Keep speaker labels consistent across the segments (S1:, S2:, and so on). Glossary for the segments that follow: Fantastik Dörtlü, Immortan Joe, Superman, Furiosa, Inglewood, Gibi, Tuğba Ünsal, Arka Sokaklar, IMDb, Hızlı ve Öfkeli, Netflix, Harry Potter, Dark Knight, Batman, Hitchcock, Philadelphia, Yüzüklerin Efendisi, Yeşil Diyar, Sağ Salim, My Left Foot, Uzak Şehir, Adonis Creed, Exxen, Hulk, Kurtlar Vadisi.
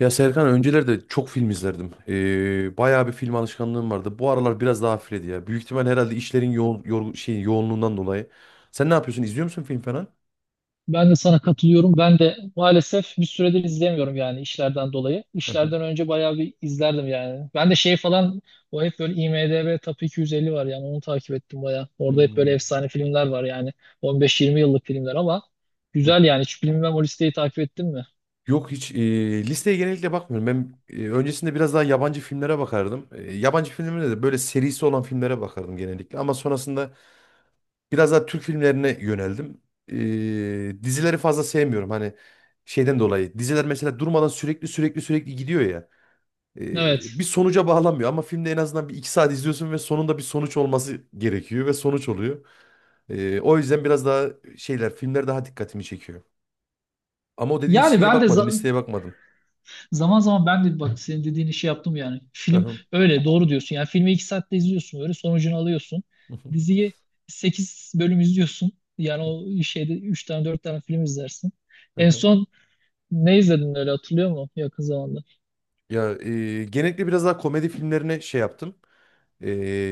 S1: Ya Serkan öncelerde çok film izlerdim. Bayağı bir film alışkanlığım vardı. Bu aralar biraz daha hafifledi ya. Büyük ihtimal herhalde işlerin yoğun, yorgun, yoğunluğundan dolayı. Sen ne yapıyorsun? İzliyor musun film falan?
S2: Ben de sana katılıyorum. Ben de maalesef bir süredir izleyemiyorum yani işlerden dolayı.
S1: Hı hı.
S2: İşlerden önce bayağı bir izlerdim yani. Ben de şey falan o hep böyle IMDb Top 250 var yani onu takip ettim bayağı. Orada hep böyle
S1: Hmm.
S2: efsane filmler var yani 15-20 yıllık filmler ama
S1: Hı.
S2: güzel yani. Hiç bilmem o listeyi takip ettin mi?
S1: Yok hiç listeye genellikle bakmıyorum. Ben öncesinde biraz daha yabancı filmlere bakardım. Yabancı filmlere de böyle serisi olan filmlere bakardım genellikle. Ama sonrasında biraz daha Türk filmlerine yöneldim. Dizileri fazla sevmiyorum. Hani şeyden dolayı. Diziler mesela durmadan sürekli sürekli sürekli gidiyor ya.
S2: Evet.
S1: Bir sonuca bağlanmıyor ama filmde en azından bir iki saat izliyorsun ve sonunda bir sonuç olması gerekiyor ve sonuç oluyor. O yüzden biraz daha şeyler filmler daha dikkatimi çekiyor. Ama o dediğin
S2: Yani
S1: şeye
S2: ben de
S1: bakmadım,
S2: za-
S1: listeye bakmadım.
S2: Zaman zaman ben de bak senin dediğin işi yaptım yani. Film
S1: Aha,
S2: öyle doğru diyorsun. Yani filmi 2 saatte izliyorsun böyle sonucunu alıyorsun.
S1: aha.
S2: Diziyi 8 bölüm izliyorsun. Yani o şeyde 3 tane 4 tane film izlersin. En
S1: Aha.
S2: son ne izledin öyle hatırlıyor musun yakın zamanda?
S1: Ya genellikle biraz daha komedi filmlerine şey yaptım. E,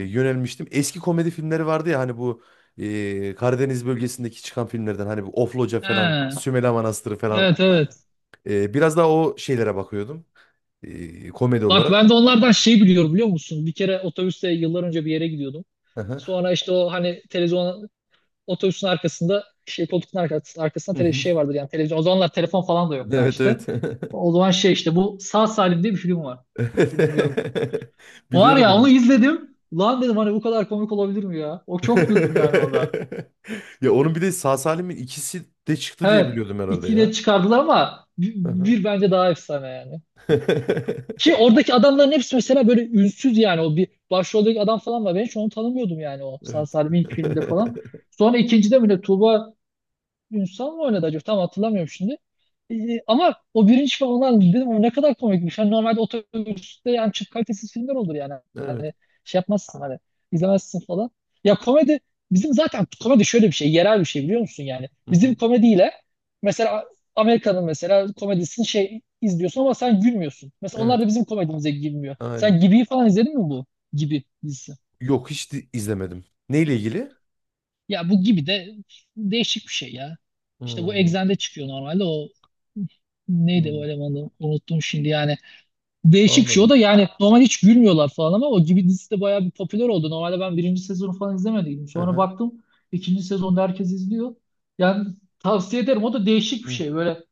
S1: Yönelmiştim. Eski komedi filmleri vardı ya hani bu Karadeniz bölgesindeki çıkan filmlerden hani bu Ofloca
S2: He,
S1: falan, Sümela Manastırı falan.
S2: evet evet.
S1: Biraz daha o şeylere bakıyordum. Komedi
S2: Bak ben
S1: olarak.
S2: de onlardan şey biliyorum biliyor musun? Bir kere otobüste yıllar önce bir yere gidiyordum.
S1: Aha.
S2: Sonra işte o hani televizyona otobüsün arkasında şey koltuğun arkasında, arkasında tele, şey vardır yani televizyon. O zamanlar telefon falan da yok daha
S1: Evet
S2: işte.
S1: evet.
S2: O zaman şey işte bu Sağ Salim diye bir film var. Bilmiyorum. Var
S1: Biliyorum
S2: ya onu
S1: onu.
S2: izledim. Lan dedim hani bu kadar komik olabilir mi ya? O çok güldüm yani orada.
S1: Ya onun bir de sağ salimin ikisi de çıktı diye
S2: Evet.
S1: biliyordum herhalde
S2: ikiyle
S1: ya.
S2: çıkardılar ama bir,
S1: Hı hı.
S2: bir bence daha efsane yani. Ki oradaki adamların hepsi mesela böyle ünsüz yani o bir başroldeki adam falan var. Ben hiç onu tanımıyordum yani o Sağ
S1: Evet.
S2: Salim ilk filmde falan. Sonra ikincide mi ne Tuğba Ünsal mı oynadı acaba? Tam hatırlamıyorum şimdi. Ee, ama o birinci falan olan dedim o ne kadar komikmiş. Hani normalde otobüste yani çok kalitesiz filmler olur yani.
S1: Evet.
S2: Hani şey yapmazsın hani izlemezsin falan. Ya komedi bizim zaten komedi şöyle bir şey yerel bir şey biliyor musun yani.
S1: Hı
S2: Bizim
S1: hı.
S2: komediyle mesela Amerika'nın mesela komedisini şey izliyorsun ama sen gülmüyorsun. Mesela onlar
S1: Evet.
S2: da bizim komedimize girmiyor.
S1: Aynen.
S2: Sen Gibi'yi falan izledin mi bu? Gibi dizisi.
S1: Yok hiç izlemedim. Neyle ilgili?
S2: Ya bu gibi de değişik bir şey ya. İşte bu
S1: Hmm.
S2: Exxen'de çıkıyor normalde o neydi
S1: Hmm.
S2: o elemanı unuttum şimdi yani. Değişik bir şey o
S1: Anladım.
S2: da yani normal hiç gülmüyorlar falan ama o gibi dizisi de bayağı bir popüler oldu. Normalde ben birinci sezonu falan izlemediydim.
S1: Hı
S2: Sonra
S1: hı.
S2: baktım ikinci sezonda herkes izliyor. Yani tavsiye ederim o da değişik bir şey böyle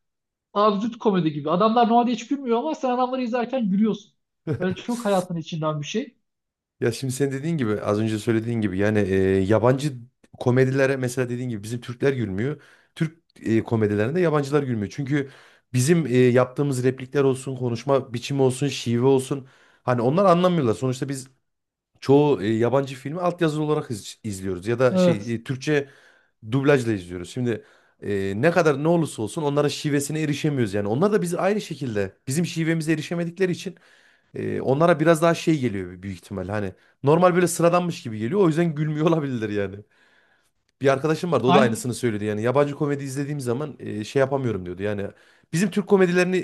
S2: absürt komedi gibi. Adamlar normalde hiç gülmüyor ama sen adamları izlerken gülüyorsun.
S1: Hı.
S2: Böyle çok hayatın içinden bir şey.
S1: Ya şimdi sen dediğin gibi az önce söylediğin gibi yani yabancı komedilere mesela dediğin gibi bizim Türkler gülmüyor. Türk komedilerinde yabancılar gülmüyor. Çünkü bizim yaptığımız replikler olsun, konuşma biçimi olsun, şive olsun hani onlar anlamıyorlar. Sonuçta biz çoğu yabancı filmi altyazılı olarak izliyoruz ya da şey
S2: Evet.
S1: Türkçe dublajla izliyoruz. Şimdi ne kadar ne olursa olsun onlara şivesine erişemiyoruz yani. Onlar da biz aynı şekilde bizim şivemize erişemedikleri için onlara biraz daha şey geliyor büyük ihtimal. Hani normal böyle sıradanmış gibi geliyor. O yüzden gülmüyor olabilirler yani. Bir arkadaşım vardı o da
S2: Aynı,
S1: aynısını söyledi. Yani yabancı komedi izlediğim zaman şey yapamıyorum diyordu. Yani bizim Türk komedilerini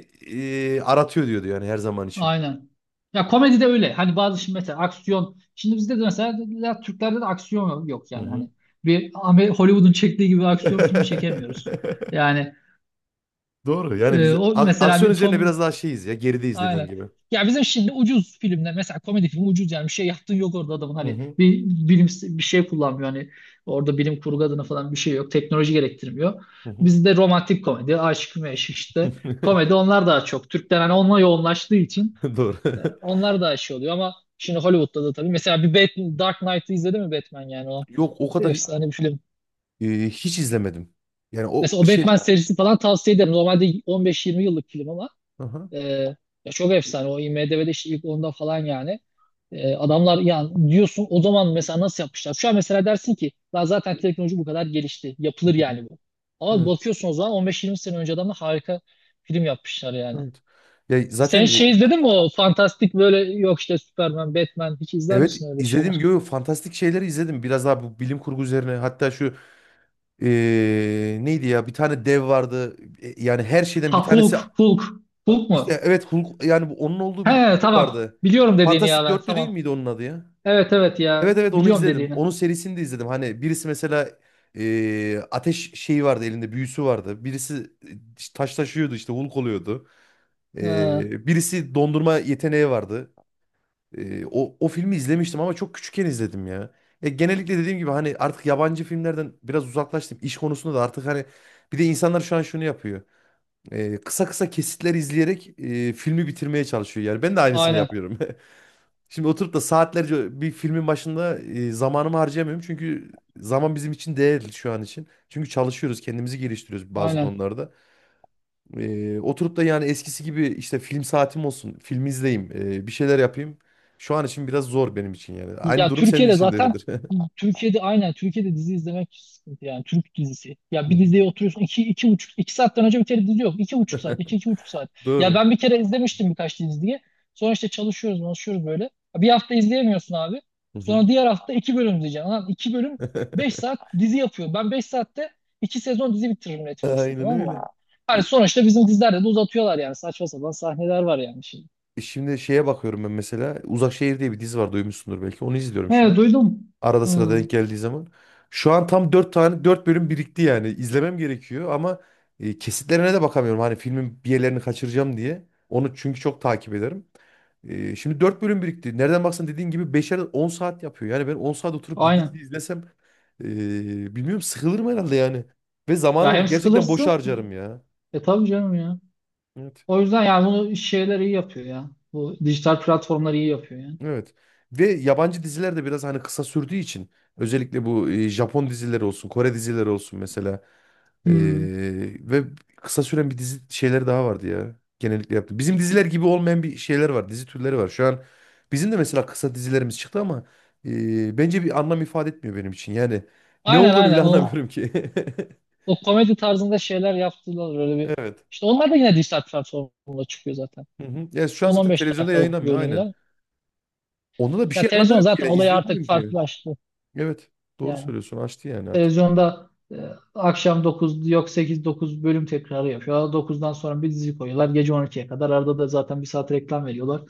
S1: aratıyor diyordu yani her zaman için.
S2: aynen. Ya komedi de öyle. Hani bazı şimdi mesela aksiyon. Şimdi bizde de mesela ya Türklerde de aksiyon yok yok
S1: Hı
S2: yani.
S1: hı.
S2: Hani Hollywood'un çektiği gibi aksiyon filmi çekemiyoruz. Yani
S1: Doğru yani biz
S2: o mesela
S1: aksiyon
S2: bir
S1: üzerine
S2: Tom
S1: biraz daha şeyiz ya gerideyiz dediğin
S2: aynen.
S1: gibi.
S2: Ya bizim şimdi ucuz filmler mesela komedi filmi ucuz yani bir şey yaptığın yok orada adamın
S1: Hı
S2: hani
S1: hı.
S2: bir bilim bir şey kullanmıyor hani orada bilim kurgu adına falan bir şey yok teknoloji gerektirmiyor.
S1: Hı hı.
S2: Bizde romantik komedi, aşk meşk işte komedi onlar daha çok. Türkler hani onunla yoğunlaştığı için
S1: Doğru.
S2: onlar da şey oluyor ama şimdi Hollywood'da da tabii. Mesela Dark Knight'ı izledin mi Batman yani o
S1: Yok o kadar
S2: efsane bir film.
S1: hiç izlemedim. Yani o
S2: Mesela o
S1: şey.
S2: Batman serisi falan tavsiye ederim. Normalde 15-20 yıllık film ama
S1: Aha.
S2: e, ya çok efsane. O IMDb'de işte ilk onda falan yani. Adamlar yani diyorsun o zaman mesela nasıl yapmışlar? Şu an mesela dersin ki "Lan zaten teknoloji bu kadar gelişti.
S1: Hı
S2: Yapılır
S1: hı.
S2: yani bu. Ama
S1: Evet.
S2: bakıyorsun o zaman 15-20 sene önce adamlar harika film yapmışlar yani.
S1: Evet. Ya
S2: Sen
S1: zaten
S2: şey izledin mi o fantastik böyle yok işte Superman, Batman hiç izler
S1: evet
S2: misin öyle
S1: izledim.
S2: şeyler?
S1: Yo, yo, fantastik şeyleri izledim. Biraz daha bu bilim kurgu üzerine. Hatta şu neydi ya bir tane dev vardı. Yani her şeyden bir tanesi
S2: Hulk. Hulk mu?
S1: işte evet Hulk yani onun olduğu bir
S2: He
S1: şey
S2: tamam.
S1: vardı.
S2: Biliyorum dediğini ya
S1: Fantastik
S2: ben
S1: Dörtlü değil
S2: tamam.
S1: miydi onun adı ya?
S2: Evet evet ya
S1: Evet evet onu
S2: biliyorum
S1: izledim.
S2: dediğini.
S1: Onun serisini de izledim. Hani birisi mesela ateş şeyi vardı elinde büyüsü vardı. Birisi taş taşıyordu işte Hulk oluyordu.
S2: He,
S1: Birisi dondurma yeteneği vardı. O filmi izlemiştim ama çok küçükken izledim ya. Ya genellikle dediğim gibi hani artık yabancı filmlerden biraz uzaklaştım. İş konusunda da artık hani bir de insanlar şu an şunu yapıyor. Kısa kısa kesitler izleyerek filmi bitirmeye çalışıyor. Yani ben de aynısını
S2: aynen
S1: yapıyorum. Şimdi oturup da saatlerce bir filmin başında zamanımı harcayamıyorum. Çünkü zaman bizim için değerli şu an için. Çünkü çalışıyoruz, kendimizi geliştiriyoruz bazı
S2: aynen.
S1: konularda. Oturup da yani eskisi gibi işte film saatim olsun, film izleyeyim, bir şeyler yapayım. Şu an için biraz zor benim için yani. Aynı
S2: Ya
S1: durum senin
S2: Türkiye'de
S1: için de
S2: zaten
S1: öyledir.
S2: Türkiye'de dizi izlemek sıkıntı yani Türk dizisi.
S1: Hı
S2: Ya bir
S1: hı.
S2: diziye oturuyorsun iki buçuk iki saatten önce bir kere dizi yok. İki buçuk saat iki buçuk saat. Ya
S1: Doğru.
S2: ben bir kere izlemiştim birkaç diziyi. Sonra işte çalışıyoruz böyle. Ya bir hafta izleyemiyorsun abi.
S1: Hı hı.
S2: Sonra diğer hafta iki bölüm izleyeceksin. Lan iki bölüm beş saat dizi yapıyor. Ben beş saatte iki sezon dizi bitiririm Netflix'te
S1: Aynen
S2: tamam
S1: öyle.
S2: mı?
S1: E,
S2: Hani sonuçta bizim dizilerde de uzatıyorlar yani saçma sapan sahneler var yani şimdi.
S1: Şimdi şeye bakıyorum ben mesela. Uzak Şehir diye bir dizi var duymuşsundur belki. Onu izliyorum şu
S2: He
S1: an.
S2: duydum.
S1: Arada sırada
S2: Hı,
S1: denk geldiği zaman. Şu an tam 4 tane 4 bölüm birikti yani. İzlemem gerekiyor ama kesitlerine de bakamıyorum. Hani filmin bir yerlerini kaçıracağım diye. Onu çünkü çok takip ederim. Şimdi 4 bölüm birikti. Nereden baksan dediğin gibi 5'er 10 saat yapıyor. Yani ben 10 saat oturup bir dizi
S2: aynen.
S1: izlesem e, bilmiyorum sıkılırım herhalde yani. Ve
S2: Ya
S1: zamanımı
S2: hem
S1: gerçekten boşa
S2: sıkılırsın.
S1: harcarım ya.
S2: E tabii canım ya.
S1: Evet.
S2: O yüzden yani bunu şeyler iyi yapıyor ya. Bu dijital platformlar iyi yapıyor yani.
S1: Evet. Ve yabancı diziler de biraz hani kısa sürdüğü için özellikle bu Japon dizileri olsun, Kore dizileri olsun mesela.
S2: Hmm.
S1: Ve kısa süren bir dizi şeyleri daha vardı ya. Genellikle yaptı. Bizim diziler gibi olmayan bir şeyler var. Dizi türleri var. Şu an bizim de mesela kısa dizilerimiz çıktı ama bence bir anlam ifade etmiyor benim için. Yani ne olduğunu bile
S2: Aynen.
S1: anlamıyorum ki.
S2: O komedi tarzında şeyler yaptılar öyle bir.
S1: Evet.
S2: İşte onlar da yine dijital platformda çıkıyor zaten.
S1: Hı hı. Ya şu an zaten
S2: 10-15
S1: televizyonda
S2: dakikalık
S1: yayınlanmıyor. Aynen.
S2: bölümler.
S1: Onda da bir
S2: Ya
S1: şey
S2: televizyon
S1: anlamıyorum ki
S2: zaten
S1: ya.
S2: olayı artık
S1: İzleyemiyorum ki.
S2: farklılaştı.
S1: Evet. Doğru
S2: Yani
S1: söylüyorsun. Açtı yani artık.
S2: televizyonda akşam 9 yok 8-9 bölüm tekrarı yapıyor. 9'dan sonra bir dizi koyuyorlar. Gece 12'ye kadar. Arada da zaten bir saat reklam veriyorlar.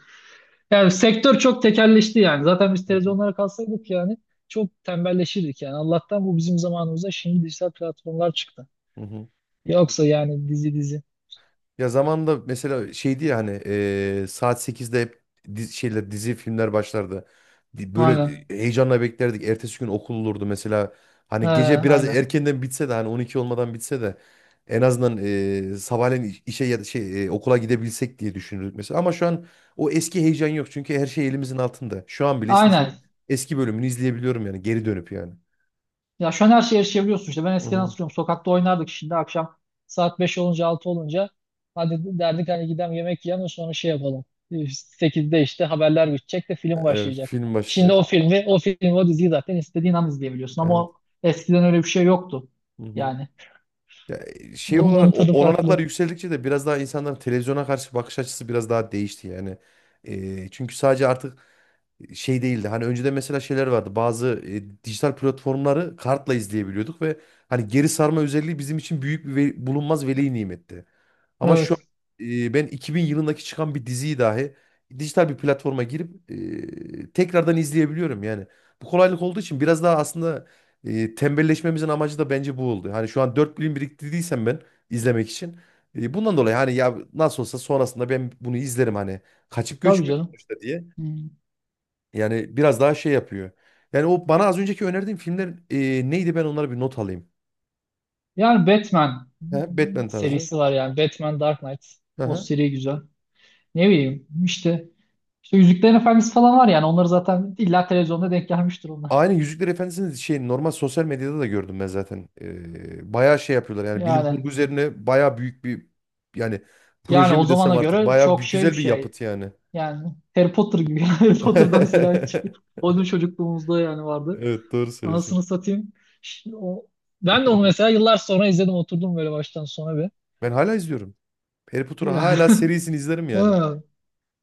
S2: Yani sektör çok tekelleşti yani. Zaten biz
S1: Hı hı.
S2: televizyonlara kalsaydık yani çok tembelleşirdik yani. Allah'tan bu bizim zamanımızda şimdi dijital platformlar çıktı.
S1: Hı hı.
S2: Yoksa yani dizi dizi.
S1: Ya zamanında mesela şeydi ya hani saat 8'de hep dizi, şeyler, dizi filmler başlardı. Böyle
S2: Aynen.
S1: heyecanla beklerdik. Ertesi gün okul olurdu mesela.
S2: He,
S1: Hani gece biraz
S2: aynen.
S1: erkenden bitse de hani 12 olmadan bitse de en azından sabahleyin işe ya da şey okula gidebilsek diye düşünürdük mesela. Ama şu an o eski heyecan yok çünkü her şey elimizin altında. Şu an bile istesem
S2: Aynen.
S1: eski bölümünü izleyebiliyorum yani geri dönüp yani.
S2: Ya şu an her şeye erişebiliyorsun işte. Ben
S1: Hı
S2: eskiden
S1: hı.
S2: hatırlıyorum sokakta oynardık şimdi akşam saat 5 olunca 6 olunca hadi derdik hani gidelim yemek yiyelim de sonra şey yapalım. Sekizde işte haberler bitecek de film
S1: Evet,
S2: başlayacak.
S1: film
S2: Şimdi
S1: başlayacak.
S2: o filmi, o diziyi zaten istediğin an izleyebiliyorsun ama
S1: Evet.
S2: eskiden öyle bir şey yoktu.
S1: Hı hı.
S2: Yani
S1: Ya şey olarak
S2: onların tadı
S1: olanaklar
S2: farklı.
S1: yükseldikçe de biraz daha insanların televizyona karşı bakış açısı biraz daha değişti yani. Çünkü sadece artık şey değildi. Hani önceden mesela şeyler vardı. Bazı dijital platformları kartla izleyebiliyorduk ve hani geri sarma özelliği bizim için büyük bir bulunmaz veli nimetti. Ama şu an
S2: Evet.
S1: ben 2000 yılındaki çıkan bir diziyi dahi dijital bir platforma girip tekrardan izleyebiliyorum yani. Bu kolaylık olduğu için biraz daha aslında tembelleşmemizin amacı da bence bu oldu. Hani şu an 4 bölüm biriktirdiysem ben izlemek için. Bundan dolayı hani ya nasıl olsa sonrasında ben bunu izlerim hani. Kaçıp
S2: Tabii
S1: göçmüyor
S2: canım.
S1: sonuçta diye.
S2: Hmm.
S1: Yani biraz daha şey yapıyor. Yani o bana az önceki önerdiğim filmler neydi ben onlara bir not alayım.
S2: Yani Batman
S1: He, Batman tarzı.
S2: serisi var yani. Batman Dark Knight. O
S1: Aha.
S2: seri güzel. Ne bileyim işte. İşte Yüzüklerin Efendisi falan var yani. Onları zaten illa televizyonda denk gelmiştir onlar.
S1: Aynen Yüzükler Efendisi'nin şey normal sosyal medyada da gördüm ben zaten. Bayağı şey yapıyorlar yani bilim kurgu
S2: Yani
S1: üzerine bayağı büyük bir yani
S2: yani
S1: proje
S2: o
S1: mi desem
S2: zamana
S1: artık
S2: göre
S1: bayağı bir
S2: çok şey bir
S1: güzel bir
S2: şey.
S1: yapıt yani.
S2: Yani Harry Potter gibi. Harry Potter'da mesela hiç. O bizim çocukluğumuzda yani vardı.
S1: Evet doğru
S2: Anasını
S1: söylüyorsun.
S2: satayım. Ş- O, ben de onu mesela yıllar sonra izledim. Oturdum böyle baştan sona bir.
S1: Ben hala izliyorum. Harry Potter'ı
S2: Yani,
S1: hala serisini izlerim yani.
S2: ha,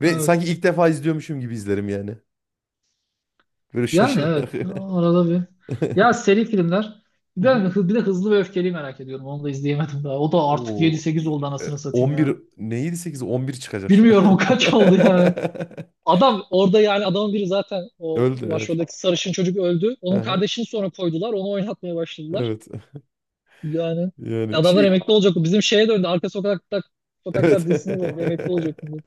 S1: Ve
S2: evet.
S1: sanki ilk defa izliyormuşum gibi izlerim yani. Böyle
S2: Yani evet.
S1: şaşırarak.
S2: Arada bir. Ya seri filmler.
S1: Hı hı.
S2: Bir de Hızlı ve Öfkeli'yi merak ediyorum. Onu da izleyemedim daha. O da artık yedi
S1: Oo,
S2: sekiz oldu anasını satayım
S1: 11
S2: ya.
S1: neydi 8 11 çıkacak şu
S2: Bilmiyorum
S1: an.
S2: o kaç oldu yani. Adam orada yani adamın biri zaten o
S1: Öldü evet.
S2: başroldeki sarışın çocuk öldü. Onun
S1: Aha,
S2: kardeşini sonra koydular. Onu oynatmaya başladılar.
S1: evet.
S2: Yani
S1: Yani
S2: adamlar
S1: şey
S2: emekli olacak. Bu bizim şeye döndü. Sokaklar
S1: evet.
S2: dizisine döndü. Emekli olacak şimdi.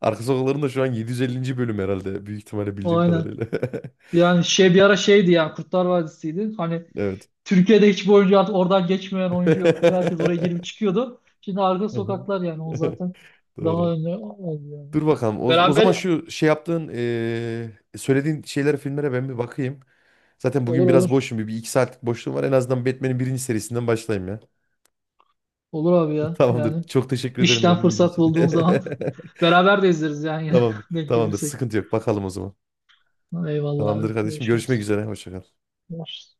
S1: Arka sokakların da şu an 750. bölüm herhalde büyük ihtimalle bildiğim
S2: Aynen.
S1: kadarıyla.
S2: Yani şey bir ara şeydi ya Kurtlar Vadisi'ydi. Hani
S1: Evet.
S2: Türkiye'de hiçbir oyuncu artık oradan geçmeyen oyuncu yoktu. Herkes oraya girip çıkıyordu. Şimdi arka
S1: Hı hı.
S2: sokaklar yani o zaten daha
S1: Doğru.
S2: önlü oldu yani.
S1: Dur bakalım. O zaman
S2: Beraber
S1: şu şey yaptığın, söylediğin şeylere, filmlere ben bir bakayım. Zaten
S2: olur
S1: bugün
S2: olur.
S1: biraz boşum. Bir iki saatlik boşluğum var. En azından Batman'in birinci serisinden başlayayım ya.
S2: Olur abi ya
S1: Tamamdır.
S2: yani.
S1: Çok teşekkür ederim
S2: İşten
S1: benim bilgi
S2: fırsat
S1: için.
S2: bulduğun zaman beraber de izleriz yani yine
S1: Tamam,
S2: denk
S1: tamamdır.
S2: gelirsek.
S1: Sıkıntı yok. Bakalım o zaman.
S2: Eyvallah
S1: Tamamdır
S2: abi.
S1: kardeşim. Görüşmek
S2: Görüşürüz.
S1: üzere. Hoşça kal.
S2: Görüşürüz.